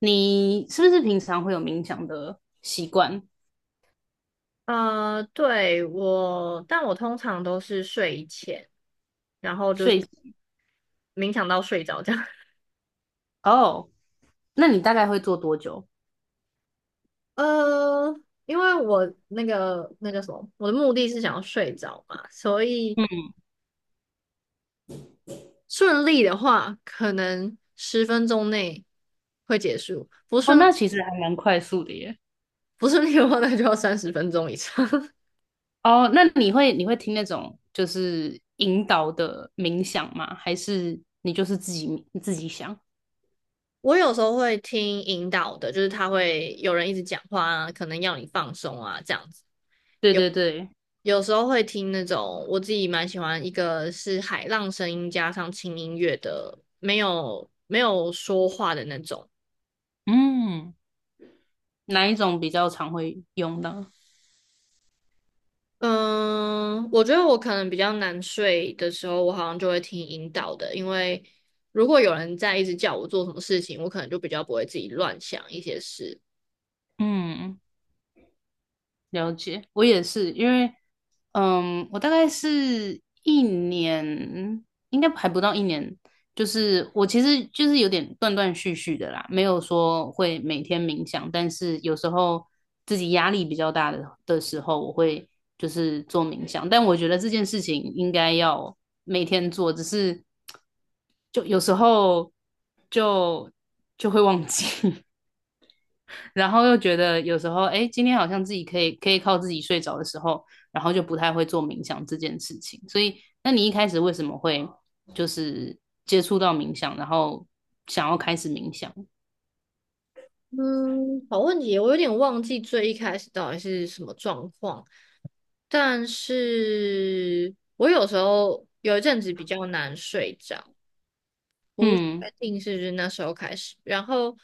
你是不是平常会有冥想的习惯？对，但我通常都是睡前，然后就所以。是冥想到睡着这样。哦，那你大概会做多久？呃，因为我那个什么，我的目的是想要睡着嘛，所以嗯。顺利的话，可能十分钟内会结束；哦，那其实还蛮快速的耶。不顺利的话，那就要30分钟以上。哦，那你会听那种就是引导的冥想吗？还是你就是自己想？我有时候会听引导的，就是他会有人一直讲话啊，可能要你放松啊，这样子。对对对。有时候会听那种我自己蛮喜欢，一个是海浪声音加上轻音乐的，没有说话的那种。嗯。哪一种比较常会用到？嗯，我觉得我可能比较难睡的时候，我好像就会听引导的，因为如果有人在一直叫我做什么事情，我可能就比较不会自己乱想一些事。嗯。了解，我也是，因为，我大概是一年，应该还不到一年，就是我其实就是有点断断续续的啦，没有说会每天冥想，但是有时候自己压力比较大的时候，我会就是做冥想，但我觉得这件事情应该要每天做，只是就有时候就就会忘记。然后又觉得有时候，哎，今天好像自己可以靠自己睡着的时候，然后就不太会做冥想这件事情。所以，那你一开始为什么会就是接触到冥想，然后想要开始冥想？嗯，好问题，我有点忘记最一开始到底是什么状况，但是我有时候有一阵子比较难睡着。嗯。确定是就是那时候开始，然后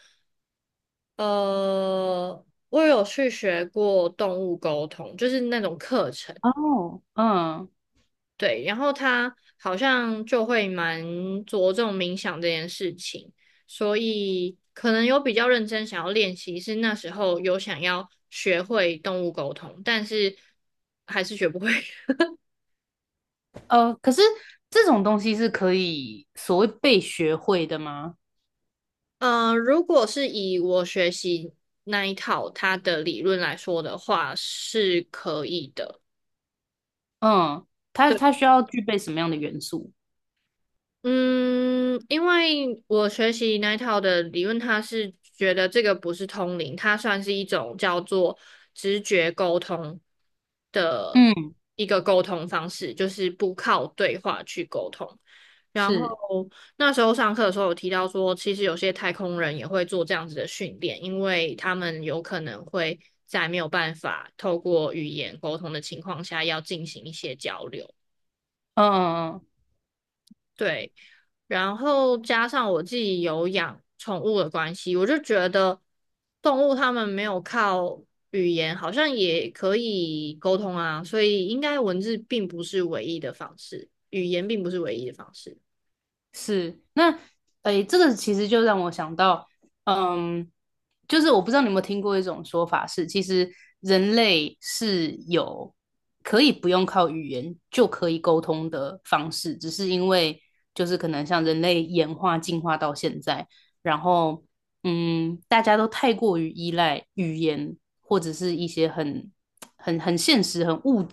呃，我有去学过动物沟通，就是那种课程，哦。嗯。对，然后他好像就会蛮着重冥想这件事情，所以可能有比较认真想要练习，是那时候有想要学会动物沟通，但是还是学不会。可是这种东西是可以所谓被学会的吗？如果是以我学习那一套他的理论来说的话，是可以的。嗯。它对。它需要具备什么样的元素？嗯，因为我学习那一套的理论，它是觉得这个不是通灵，它算是一种叫做直觉沟通的嗯，一个沟通方式，就是不靠对话去沟通。然后是，那时候上课的时候有提到说，其实有些太空人也会做这样子的训练，因为他们有可能会在没有办法透过语言沟通的情况下，要进行一些交流。嗯嗯嗯，对，然后加上我自己有养宠物的关系，我就觉得动物它们没有靠语言，好像也可以沟通啊，所以应该文字并不是唯一的方式，语言并不是唯一的方式。是。那诶，这个其实就让我想到，嗯，就是我不知道你有没有听过一种说法是，其实人类是有可以不用靠语言就可以沟通的方式，只是因为就是可能像人类演化进化到现在，然后大家都太过于依赖语言或者是一些很现实、很物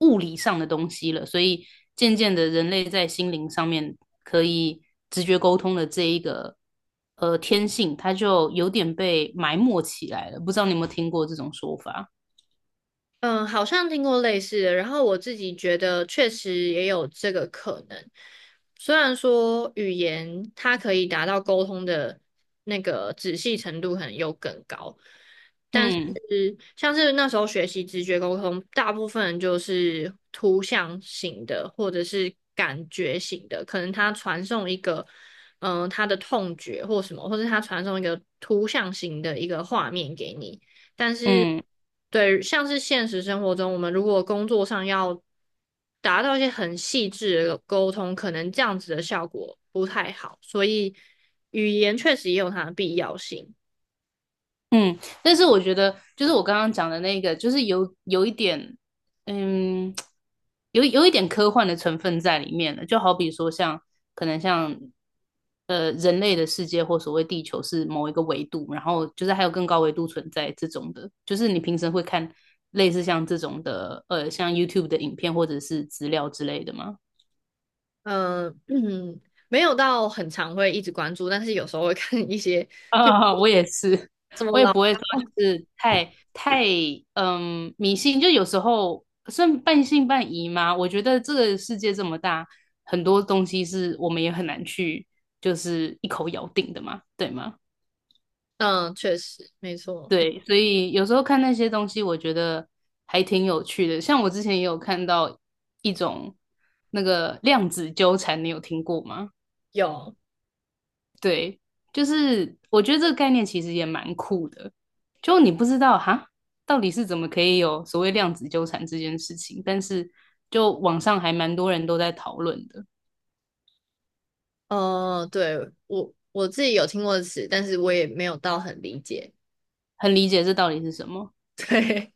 物理上的东西了，所以渐渐的，人类在心灵上面可以直觉沟通的这一个天性，它就有点被埋没起来了。不知道你有没有听过这种说法？嗯，好像听过类似的，然后我自己觉得确实也有这个可能。虽然说语言它可以达到沟通的那个仔细程度可能又更高，但是嗯像是那时候学习直觉沟通，大部分就是图像型的或者是感觉型的，可能他传送一个他的痛觉或什么，或者他传送一个图像型的一个画面给你。但是，嗯。对，像是现实生活中，我们如果工作上要达到一些很细致的沟通，可能这样子的效果不太好，所以语言确实也有它的必要性。嗯，但是我觉得，就是我刚刚讲的那个，就是有一点，嗯，有一点科幻的成分在里面了。就好比说像，可能像，人类的世界或所谓地球是某一个维度，然后就是还有更高维度存在这种的，就是你平时会看类似像这种的，像 YouTube 的影片或者是资料之类的吗？嗯、嗯，没有到很常会一直关注，但是有时候会 看一些，对，啊、我也是。怎么我也了？不会说就是太迷信，就有时候算半信半疑嘛。我觉得这个世界这么大，很多东西是我们也很难去就是一口咬定的嘛，对吗？嗯，确实，没错，对，所以有时候看那些东西，我觉得还挺有趣的。像我之前也有看到一种那个量子纠缠，你有听过吗？有。对，就是我觉得这个概念其实也蛮酷的，就你不知道哈，到底是怎么可以有所谓量子纠缠这件事情，但是就网上还蛮多人都在讨论的，对，我自己有听过的词，但是我也没有到很理解。很理解这到底是什么。对，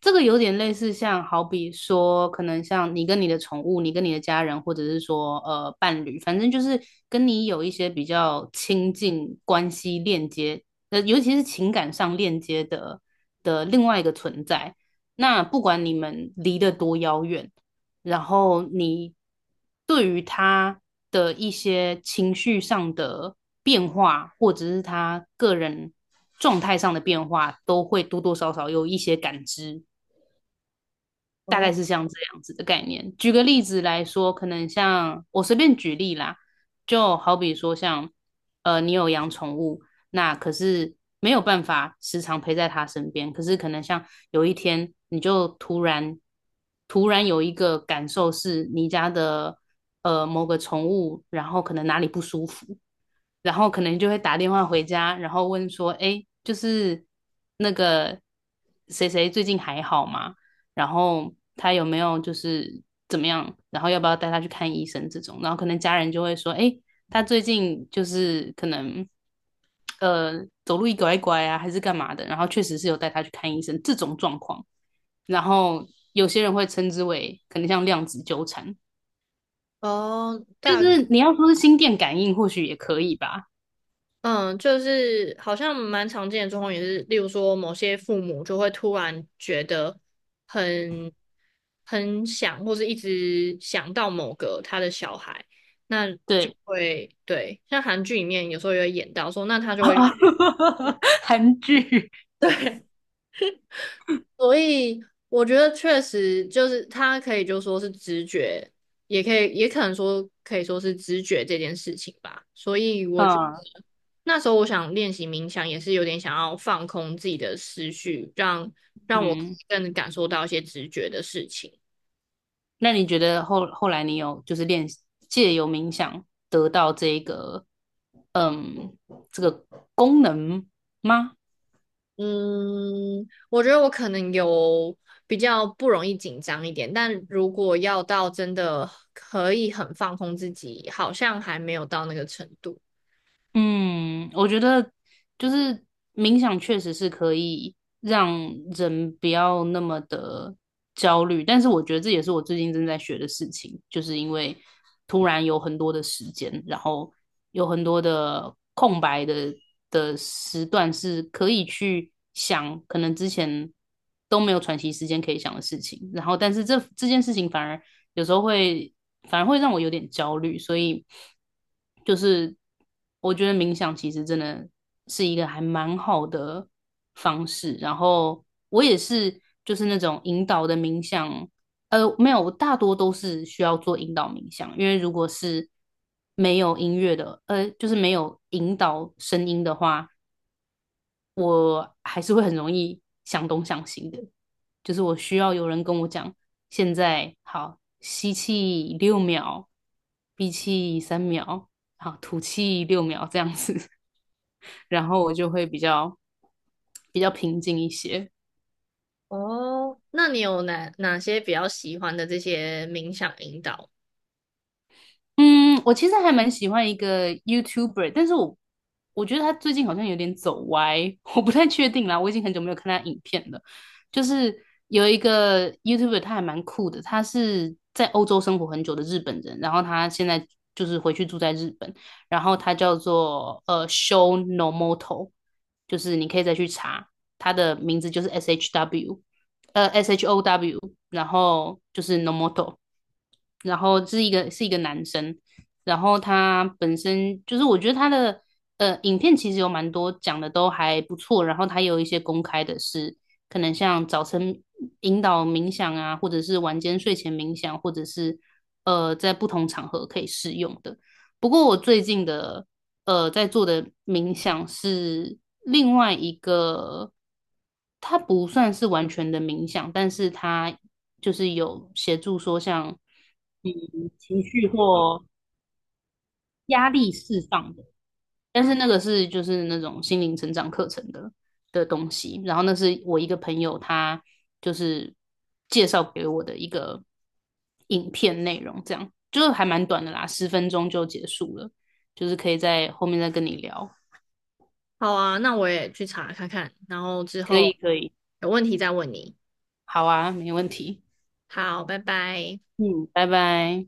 这个有点类似，像好比说，可能像你跟你的宠物，你跟你的家人，或者是说伴侣，反正就是跟你有一些比较亲近关系链接，尤其是情感上链接的另外一个存在。那不管你们离得多遥远，然后你对于他的一些情绪上的变化，或者是他个人状态上的变化，都会多多少少有一些感知。大概是像这样子的概念。举个例子来说，可能像我随便举例啦，就好比说像，你有养宠物，那可是没有办法时常陪在他身边，可是可能像有一天你就突然有一个感受是你家的某个宠物，然后可能哪里不舒服，然后可能就会打电话回家，然后问说，哎，就是那个谁谁最近还好吗？然后他有没有就是怎么样？然后要不要带他去看医生这种？然后可能家人就会说，哎，他最近就是可能呃走路一拐一拐啊，还是干嘛的？然后确实是有带他去看医生这种状况。然后有些人会称之为可能像量子纠缠，哦，就是你要说是心电感应，或许也可以吧。就是好像蛮常见的状况也是，例如说某些父母就会突然觉得很很想，或是一直想到某个他的小孩，那就对。会对，像韩剧里面有时候也会演到说，那他就 会 啊，韩剧。 对，所以我觉得确实就是他可以就说是直觉，也可以也可能说可以说是直觉这件事情吧。所以 嗯那时候我想练习冥想，也是有点想要放空自己的思绪，让我嗯。更感受到一些直觉的事情。那你觉得后来你有就是练习借由冥想得到这个嗯这个功能吗？嗯，我觉得我可能有比较不容易紧张一点，但如果要到真的可以很放空自己，好像还没有到那个程度。嗯，我觉得就是冥想确实是可以让人不要那么的焦虑，但是我觉得这也是我最近正在学的事情，就是因为突然有很多的时间，然后有很多的空白的时段是可以去想，可能之前都没有喘息时间可以想的事情，然后但是这件事情反而有时候会反而会让我有点焦虑，所以就是我觉得冥想其实真的是一个还蛮好的方式。然后我也是就是那种引导的冥想，没有，我大多都是需要做引导冥想，因为如果是没有音乐的，就是没有引导声音的话。我还是会很容易想东想西的，就是我需要有人跟我讲，现在好，吸气六秒，闭气3秒，好，吐气六秒这样子，然后我就会比较平静一些。哦，那你有哪些比较喜欢的这些冥想引导？嗯，我其实还蛮喜欢一个 YouTuber,但是我觉得他最近好像有点走歪。我不太确定啦，我已经很久没有看他影片了。就是有一个 YouTuber,他还蛮酷的，他是在欧洲生活很久的日本人，然后他现在就是回去住在日本，然后他叫做Show No Moto,就是你可以再去查他的名字，就是 SHW。S H O W,然后就是 Nomoto,然后是一个男生，然后他本身就是我觉得他的影片其实有蛮多讲的都还不错，然后他有一些公开的是可能像早晨引导冥想啊，或者是晚间睡前冥想，或者是在不同场合可以适用的。不过我最近的在做的冥想是另外一个，它不算是完全的冥想，但是它就是有协助说像嗯情绪或压力释放的，但是那个是就是那种心灵成长课程的东西，然后那是我一个朋友他就是介绍给我的一个影片内容，这样就是还蛮短的啦，10分钟就结束了，就是可以在后面再跟你聊。好啊，那我也去查看看，然后之可以后可以，有问题再问你。好啊，没问题。好，拜拜。嗯，拜拜。